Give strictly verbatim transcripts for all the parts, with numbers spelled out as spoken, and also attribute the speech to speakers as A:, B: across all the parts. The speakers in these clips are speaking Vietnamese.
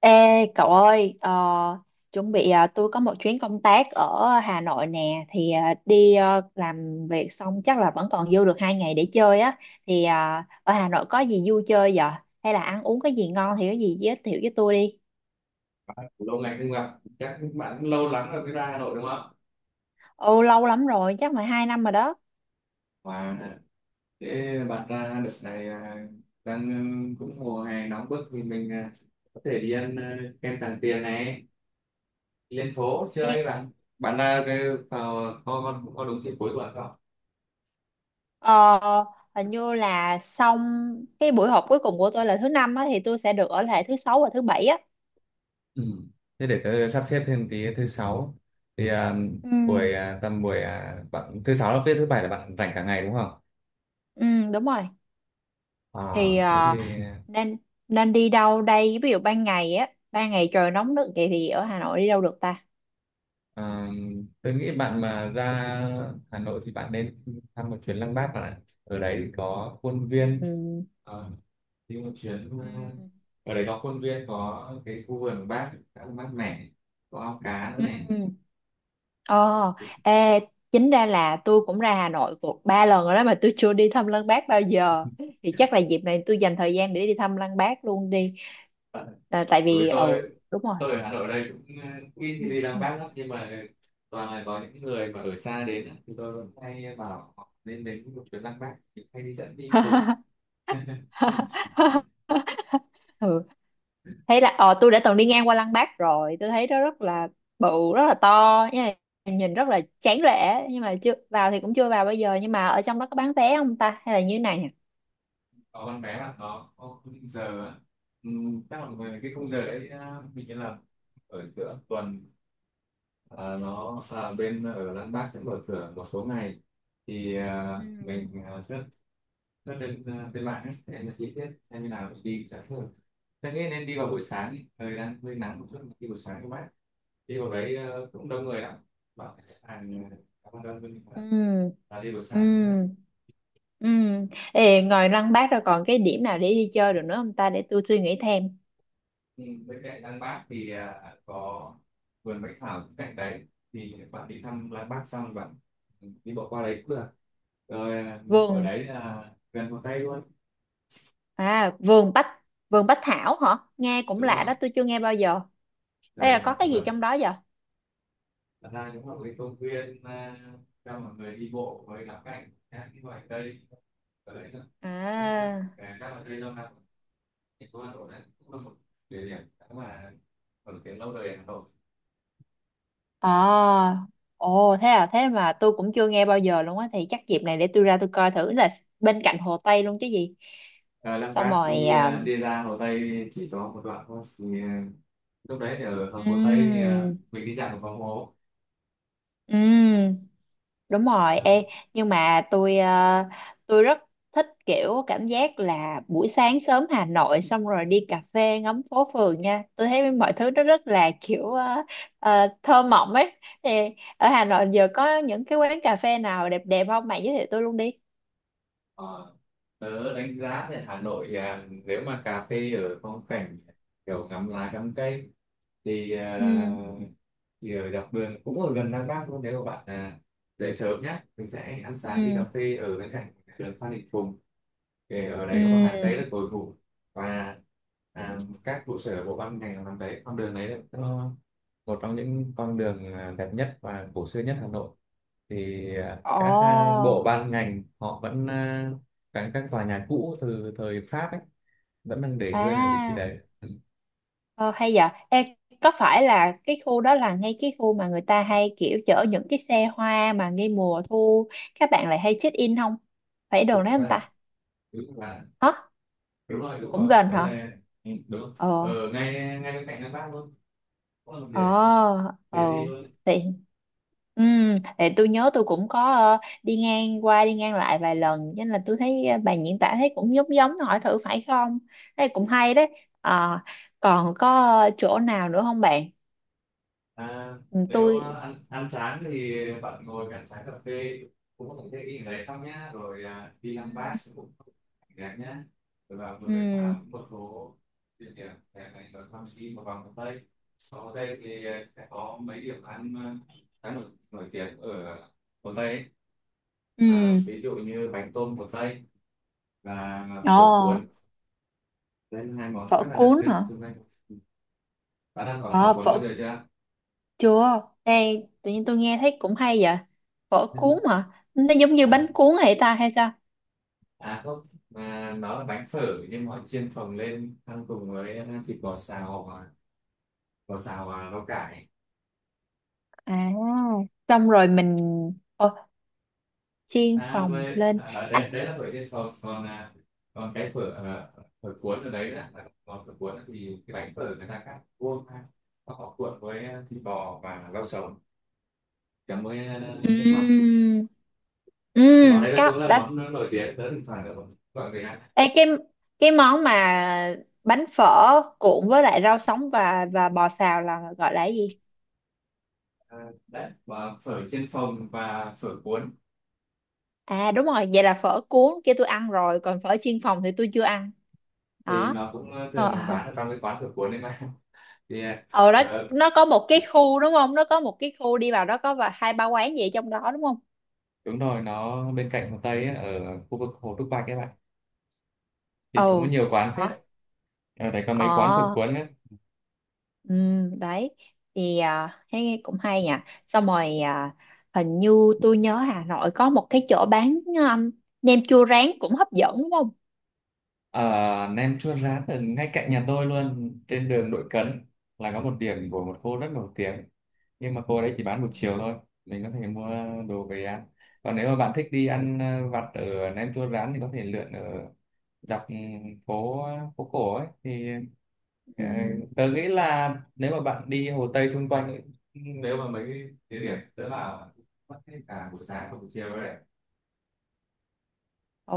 A: Ê cậu ơi, ờ, chuẩn bị ờ, tôi có một chuyến công tác ở Hà Nội nè, thì ờ, đi ờ, làm việc xong chắc là vẫn còn dư được hai ngày để chơi á. Thì ờ, ở Hà Nội có gì vui chơi vậy? Hay là ăn uống cái gì ngon thì có gì giới thiệu với tôi đi.
B: Lâu ngày không gặp, chắc bạn cũng lâu lắm rồi mới ra Hà Nội đúng không?
A: Ồ, lâu lắm rồi, chắc phải hai năm rồi đó.
B: và Thế bạn ra đợt này à? đang ừ, Cũng mùa hè nóng bức thì mình à, có thể đi ăn à, kem Tràng Tiền này, đi lên phố chơi
A: Đi.
B: bạn. Bạn ra cái vào có có, Có đúng dịp cuối tuần không?
A: Ờ, hình như là xong cái buổi họp cuối cùng của tôi là thứ năm á, thì tôi sẽ được ở lại thứ sáu và thứ bảy á.
B: Ừ. Thế để tớ sắp xếp thêm tí thứ sáu thì, à,
A: Ừ,
B: buổi, à, tầm buổi, à, bạn thứ sáu là viết, thứ bảy là bạn rảnh cả ngày đúng không?
A: ừ đúng rồi.
B: À,
A: Thì
B: Thế
A: ờ,
B: thì,
A: nên nên đi đâu đây, ví dụ ban ngày á, ban ngày trời nóng nực vậy thì ở Hà Nội đi đâu được ta?
B: À, tôi nghĩ bạn mà ra Hà Nội thì bạn nên thăm một chuyến Lăng Bác bạn ạ. Ở đấy thì có khuôn viên,
A: Ừm.
B: ờ, đi một chuyến, ờ,
A: Ừm.
B: ở đấy có khuôn viên, có cái khu vườn của Bác khá là mát mẻ, có ao cá nữa này.
A: Ừm. Ờ.
B: Thì-
A: Ê, chính ra là tôi cũng ra Hà Nội cuộc ba lần rồi đó mà tôi chưa đi thăm Lăng Bác bao giờ, thì chắc là dịp này tôi dành thời gian để đi thăm Lăng Bác luôn đi. À, tại
B: Bởi vì
A: vì ừ
B: tôi
A: đúng rồi.
B: tôi ở Hà Nội đây cũng ờ, ít khi đi Lăng Bác lắm, nhưng mà toàn là có những người mà ở xa đến á, thì tôi vẫn hay bảo họ nên đến một chuyến Lăng Bác thì hay đi dẫn đi cùng.
A: Ừ, thấy là ờ tôi đã từng đi ngang qua Lăng Bác rồi, tôi thấy nó rất là bự, rất là to, nhưng mà nhìn rất là tráng lệ, nhưng mà chưa vào thì cũng chưa vào. Bây giờ nhưng mà ở trong đó có bán vé không ta hay là như thế này nhỉ?
B: Có con bé là nó có quy định giờ á. ừ, Chắc là về cái khung giờ đấy, à, mình nghĩ là ở giữa tuần, à, nó, à, bên ở Lan Bác sẽ mở cửa một số ngày, thì à,
A: Ừ.
B: mình à, rất rất lên, à, lên mạng ấy, để em là chi tiết xem như nào mình đi sẽ thường. Thế nghĩ nên đi vào buổi sáng đi, thời đang hơi nắng một chút. Đi buổi sáng các bác đi vào đấy à, cũng đông người lắm, bảo sẽ hàng cảm ơn đơn mình
A: Ừ.
B: là đi buổi
A: Ừ.
B: sáng.
A: Ừ. Ê, ngoài Lăng Bác rồi còn cái điểm nào để đi chơi được nữa không ta, để tôi suy nghĩ thêm.
B: Ừ, bên cạnh Lăng Bác thì à, có vườn Bách Thảo bên cạnh đấy, thì bạn đi thăm Lăng Bác xong bạn đi bộ qua đấy cũng được rồi, à, ở
A: Vườn,
B: đấy là gần Hồ Tây luôn.
A: à vườn Bách, vườn Bách Thảo hả, nghe cũng
B: Đúng không
A: lạ
B: ạ?
A: đó, tôi chưa nghe bao giờ. Đây
B: Rồi
A: là
B: là
A: có cái gì
B: vườn,
A: trong đó giờ?
B: thật ra cũng là một cái công viên à, cho mọi người đi bộ với cả cảnh các cái loài cây ở đấy nữa, các
A: À.
B: à, các loại cây lâu năm thành phố Hà Nội đấy cũng là một địa điểm mà nổi tiếng lâu đời ở Hà Nội.
A: À, ồ thế à, thế mà tôi cũng chưa nghe bao giờ luôn á, thì chắc dịp này để tôi ra tôi coi thử là bên cạnh Hồ Tây luôn chứ gì.
B: à, Lăng
A: Xong
B: Bác
A: rồi
B: đi,
A: à,
B: à, đi ra Hồ Tây chỉ có một đoạn thôi, thì à, lúc đấy thì ở Hồ Tây thì à,
A: ừm,
B: mình đi dạo vòng phố.
A: ừm, đúng rồi.
B: Đó.
A: Ê, nhưng mà tôi à, tôi rất thích kiểu cảm giác là buổi sáng sớm Hà Nội xong rồi đi cà phê ngắm phố phường nha. Tôi thấy mọi thứ nó rất là kiểu à, à, thơ mộng ấy. Thì ở Hà Nội giờ có những cái quán cà phê nào đẹp đẹp không? Bạn giới thiệu tôi luôn đi.
B: Ờ, Tớ đánh giá thì Hà Nội, à, nếu mà cà phê ở phong cảnh kiểu ngắm lá ngắm cây thì, à,
A: Ừ.
B: thì ở dọc đường cũng ở gần Đăng Bác luôn, nếu các bạn à, dậy sớm nhé, mình sẽ ăn sáng đi cà
A: Ừ.
B: phê ở bên cạnh đường Phan Đình Phùng. Thì ở
A: Ừ.
B: đấy có một hàng Tây rất cổ thụ, và à, các trụ sở bộ ban ngành ở hàng đấy, con đường đấy nó một trong những con đường à, đẹp nhất và cổ xưa nhất Hà Nội. Thì à, các à,
A: Ồ.
B: bộ ban ngành họ vẫn à, các các tòa nhà cũ từ thời Pháp ấy vẫn đang để nguyên ở vị trí
A: À,
B: đấy. Ừ,
A: ờ, hay vậy. Ê, có phải là cái khu đó là ngay cái khu mà người ta hay kiểu chở những cái xe hoa mà ngay mùa thu các bạn lại hay check in không? Phải đồ
B: đúng
A: đấy không
B: là
A: ta?
B: đúng là
A: Hả?
B: đúng rồi đúng
A: Cũng
B: rồi
A: gần
B: đấy
A: hả?
B: là, ừ, đúng
A: Ờ.
B: ở ngay ngay bên cạnh Ngân Bác luôn, cũng là một
A: Ờ.
B: điểm để
A: Ờ.
B: đi luôn.
A: Thì ừ, thì tôi nhớ tôi cũng có ờ, đi ngang qua đi ngang lại vài lần, cho nên là tôi thấy ờ, bạn diễn tả thấy cũng giống giống hỏi thử phải không? Thế cũng hay đấy. Ờ, còn có ờ, chỗ nào nữa không bạn?
B: À,
A: Ừ,
B: Nếu à,
A: tôi.
B: ăn ăn sáng thì bạn ngồi cạnh trái cà phê, cũng có thể ý đấy, xong nhá rồi à, đi ăn
A: Ừ.
B: bát cũng đẹp nhá, rồi vào vừa bách
A: Ừ.
B: thảo một số địa điểm để này rồi xong đi một vòng hồ tây. Ở hồ tây thì à, sẽ có mấy điểm ăn à, khá nổi, nổi tiếng ở hồ tây ấy. À,
A: Ừ.
B: ví dụ như bánh tôm hồ tây và
A: Ồ.
B: phở cuốn, đây là hai món
A: Phở
B: rất là đặc
A: cuốn
B: trưng
A: hả?
B: trong đây. Bạn ăn có phở
A: Ờ
B: cuốn bao
A: phở,
B: giờ chưa?
A: chưa, đây tự nhiên tôi nghe thấy cũng hay vậy. Phở cuốn hả, nó giống như bánh
B: À,
A: cuốn hay ta, hay sao?
B: à Không, mà nó là bánh phở, nhưng mà họ chiên phồng lên ăn cùng với à, thịt bò xào và bò xào và rau cải.
A: À, xong rồi mình, ồ, chiên
B: À
A: phồng
B: với
A: lên.
B: à, đó,
A: À.
B: đấy, Đấy là phở chiên phồng, còn à, còn cái phở à, phở cuốn ở đấy là là- còn phở cuốn thì cái bánh phở người ta cắt vuông ra. Và họ cuộn với à, thịt bò và rau sống, chấm với à, nước mắm.
A: Ừm.
B: Món
A: Ừm,
B: đấy là
A: có
B: cũng là
A: đã.
B: món nổi tiếng, tới thỉnh thoảng được gọi người ăn.
A: Ê, cái cái món mà bánh phở cuộn với lại rau sống và và bò xào là gọi là cái gì?
B: à, Đấy và phở chiên phồng và phở cuốn
A: À đúng rồi, vậy là phở cuốn kia tôi ăn rồi, còn phở chiên phòng thì tôi chưa ăn.
B: thì
A: Đó.
B: nó cũng ờ,
A: Ờ,
B: thường
A: ờ,
B: bán ở trong cái quán phở cuốn đấy mà. Yeah.
A: ờ, đó,
B: Ờ,
A: nó có một cái khu đúng không? Nó có một cái khu đi vào đó có và hai ba quán gì ở trong đó đúng không?
B: Đúng rồi, nó bên cạnh Hồ Tây ấy, ở khu vực Hồ Trúc Bạch các bạn, thì cũng có
A: Ừ.
B: nhiều quán phết đấy.
A: Đó.
B: Ở đây có mấy quán phở
A: Ờ,
B: cuốn ấy.
A: ừ, đấy. Thì à, thấy cũng hay nhỉ. Xong rồi à, hình như tôi nhớ Hà Nội có một cái chỗ bán um, nem chua rán cũng hấp dẫn đúng không?
B: ở Nem chua rán ở ngay cạnh nhà tôi luôn, trên đường Đội Cấn là có một điểm của một cô rất nổi tiếng, nhưng mà cô đấy chỉ bán một chiều thôi, mình có thể mua đồ về ăn. Còn nếu mà bạn thích đi ăn ờ, vặt ở Nem Chua Rán thì có thể lượn ở dọc, ừ, phố phố cổ ấy. Thì
A: Ừ.
B: ờ, tớ nghĩ là nếu mà bạn đi Hồ Tây xung quanh ấy, ừ, nếu mà mấy cái địa điểm tớ bảo mất hết cả buổi sáng và buổi chiều rồi đấy,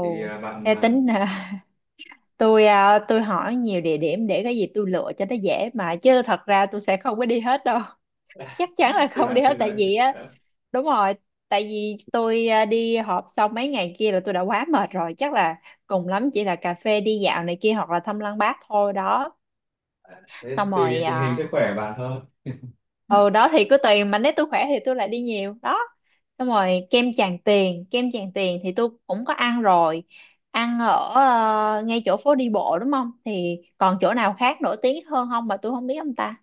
B: thì ờ, bạn
A: theo tính tôi à, tôi hỏi nhiều địa điểm để cái gì tôi lựa cho nó dễ mà, chứ thật ra tôi sẽ không có đi hết đâu. Chắc
B: ờ,
A: chắn là
B: thì
A: không
B: bạn
A: đi hết
B: cân
A: tại
B: đối.
A: vì á,
B: ờ,
A: đúng rồi, tại vì tôi à, đi họp xong mấy ngày kia là tôi đã quá mệt rồi, chắc là cùng lắm chỉ là cà phê đi dạo này kia hoặc là thăm lăng Bác thôi đó.
B: Thế
A: Xong
B: tùy
A: rồi
B: tình hình
A: à,
B: sức khỏe bạn thôi.
A: ừ đó, thì cứ tùy, mà nếu tôi khỏe thì tôi lại đi nhiều đó. Xong rồi kem Tràng Tiền, kem Tràng Tiền thì tôi cũng có ăn rồi, ăn ở ờ, ngay chỗ phố đi bộ đúng không, thì còn chỗ nào khác nổi tiếng hơn không mà tôi không biết không ta?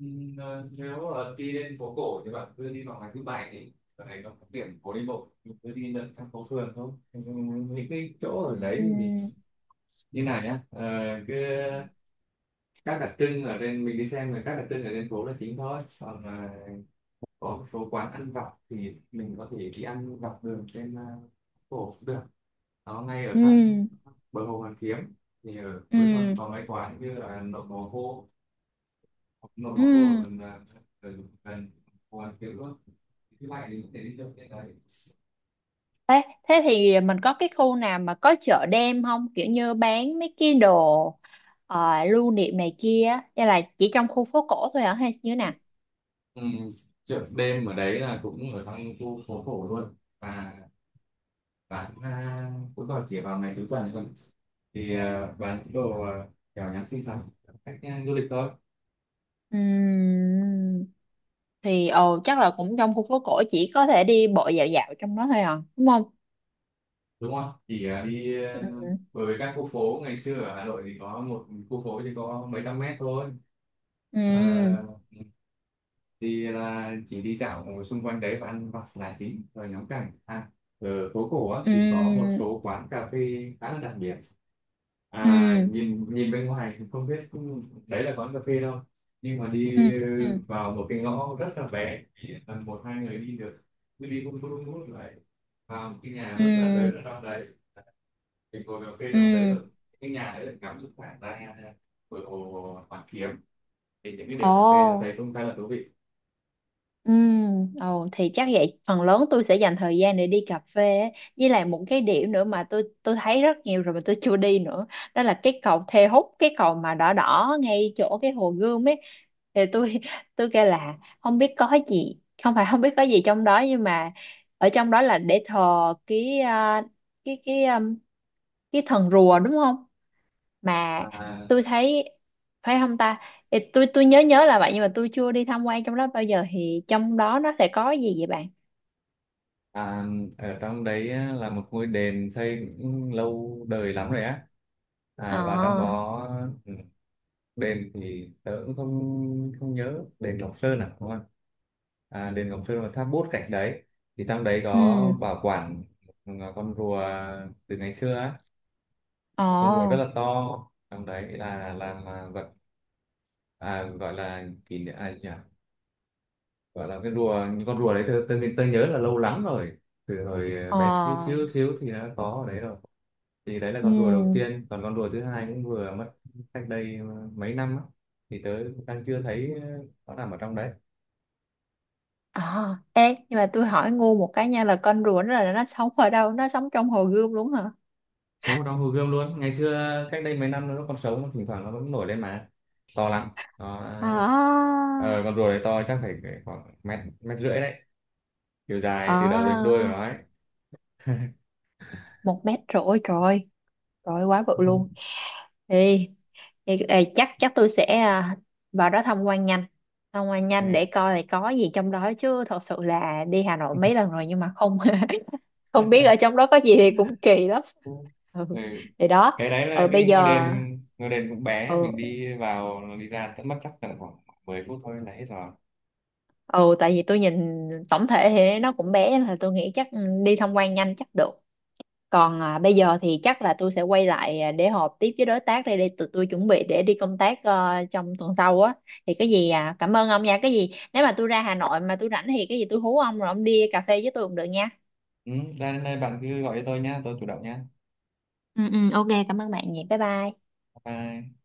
B: Ừm, ờ, Nếu ờ, đi lên phố cổ thì bạn cứ đi vào ngày thứ bảy, thì ở đấy nó có điểm phố đi bộ, mình cứ đi lượn thăm phố phường thôi. Ừm, những cái chỗ ở đấy thì mình
A: Ừm.
B: như này nhá, ờ, cứ các đặc trưng ở trên mình đi xem, là các đặc trưng ở trên phố là chính thôi. Còn ờ, có một số quán ăn vặt thì mình có thể đi ăn dọc đường trên ờ, phố cũng được, nó ngay
A: Ừ.
B: ở sát
A: Ừm,
B: bờ hồ Hoàn Kiếm. Thì ở cuối tuần
A: ừm,
B: có mấy quán như là nộm bò khô. nó nó có ở
A: ừm.
B: gần à, gần gần Hồ Hoàn Kiếm luôn. Thì thứ bảy thì có thể đi chơi cái đấy.
A: Ê, thế thì mình có cái khu nào mà có chợ đêm không, kiểu như bán mấy cái đồ ờ, lưu niệm này kia, hay là chỉ trong khu phố cổ thôi hả, hay như thế nào?
B: ừ, Chợ đêm ở đấy là cũng ở trong khu phố cổ luôn, và bán à, cũng vào chỉ vào ngày cuối tuần thôi, thì à, bán những đồ à, kiểu nhắn xinh xắn, cách à, du lịch thôi.
A: Ừm. Thì ồ chắc là cũng trong khu phố cổ, chỉ có thể đi bộ dạo dạo trong đó thôi à đúng không?
B: Đúng không chỉ à, đi à,
A: Ừ.
B: bởi vì các khu phố ngày xưa ở Hà Nội thì có một khu phố thì có mấy trăm mét thôi. à,
A: Ừ.
B: thì là chỉ đi dạo ở xung quanh đấy và ăn vặt là chính, rồi ngắm cảnh, à ở phố cổ á, thì có một
A: Ừ.
B: số quán cà phê khá là đặc biệt. à
A: Ừ.
B: nhìn nhìn bên ngoài thì không biết đấy là quán cà phê đâu, nhưng mà
A: Ừ.
B: đi ờ,
A: Ừ.
B: vào một cái ngõ rất là bé chỉ tầm một hai người đi được, cứ đi vun vút vun vút lại vào một cái nhà
A: Ừ.
B: rất là lớn ở trong đấy, mình ngồi cà phê trong đấy
A: Ừ.
B: rồi, cái nhà đấy là ngắm được khoảng ra bờ hồ Hoàn Kiếm. Thì những cái điểm cà phê tôi
A: Ồ.
B: thấy cũng khá là thú vị.
A: Ừ, ồ, thì chắc vậy phần lớn tôi sẽ dành thời gian để đi cà phê ấy. Với lại một cái điểm nữa mà tôi tôi thấy rất nhiều rồi mà tôi chưa đi nữa, đó là cái cầu Thê Húc, cái cầu mà đỏ đỏ ngay chỗ cái hồ Gươm ấy, thì tôi tôi kêu là không biết có gì, không phải, không biết có gì trong đó, nhưng mà ở trong đó là để thờ cái à, cái cái um, cái thần rùa đúng không mà
B: à,
A: tôi thấy, phải không ta? Thì tôi tôi nhớ nhớ là vậy, nhưng mà tôi chưa đi tham quan trong đó bao giờ, thì trong đó nó sẽ có gì vậy bạn?
B: À, Ở trong đấy á, là một ngôi đền xây cũng lâu đời lắm rồi á, à, và trong
A: Ờ.
B: đó, ừ, đền thì tớ cũng không không nhớ, đền Ngọc Sơn à đúng không? à, Đền Ngọc Sơn và tháp bút cạnh đấy, thì trong đấy có
A: Ừ.
B: bảo quản một con rùa từ ngày xưa á, một con rùa rất
A: Ờ.
B: là to. Trong đấy là làm à, vật, à, gọi là kỷ niệm, à, nhỉ? Gọi là cái rùa, những con rùa đấy, tôi, tôi, tôi nhớ là lâu lắm rồi. Từ hồi bé xíu
A: Ờ.
B: xíu xíu thì nó có ở đấy rồi. Thì đấy là con rùa đầu
A: Ừ.
B: tiên, còn con rùa thứ hai cũng vừa mất cách đây ờ, mấy năm á. Thì tớ đang chưa thấy ờ, nó nằm ở trong đấy.
A: Ờ. Ê, nhưng mà tôi hỏi ngu một cái nha, là con rùa nó là nó sống ở đâu, nó sống trong hồ Gươm đúng hả?
B: Sống ở trong hồ gươm luôn. Ngày xưa cách đây mấy năm nó còn sống, thỉnh thoảng nó vẫn nổi lên mà to lắm. Nó, ờ,
A: À.
B: ờ, con rùa đấy to chắc phải khoảng mét mét rưỡi đấy, chiều dài từ đầu đến đuôi của
A: À,
B: nó ấy.
A: một mét rưỡi trời, trời quá bự luôn đi. Thì, ê, chắc chắc tôi sẽ à, vào đó tham quan nhanh, tham quan nhanh để coi là có gì trong đó, chứ thật sự là đi Hà Nội mấy lần rồi nhưng mà không không biết ở trong đó có gì thì cũng kỳ lắm.
B: Ừ. Ừ.
A: Ừ. Thì đó.
B: Cái đấy là
A: Ừ, bây
B: cái ngôi
A: giờ
B: đền ngôi đền cũng bé, mình
A: ừ,
B: đi vào đi ra tận mất chắc tầm khoảng mười phút thôi là hết rồi.
A: ừ tại vì tôi nhìn tổng thể thì nó cũng bé, nên là tôi nghĩ chắc ừ, đi tham quan nhanh chắc được. Còn à, bây giờ thì chắc là tôi sẽ quay lại à, để họp tiếp với đối tác đây, để tụi tôi chuẩn bị để đi công tác ờ, trong tuần sau á. Thì cái gì à, cảm ơn ông nha. Cái gì nếu mà tôi ra Hà Nội mà tôi rảnh thì cái gì tôi hú ông rồi ông đi cà phê với tôi cũng được nha.
B: Ừ, ra đến đây bạn cứ gọi cho tôi nhá, tôi chủ động nhá.
A: Ừ, ừ, ok cảm ơn bạn nhiều. Bye bye.
B: Bye. Bye.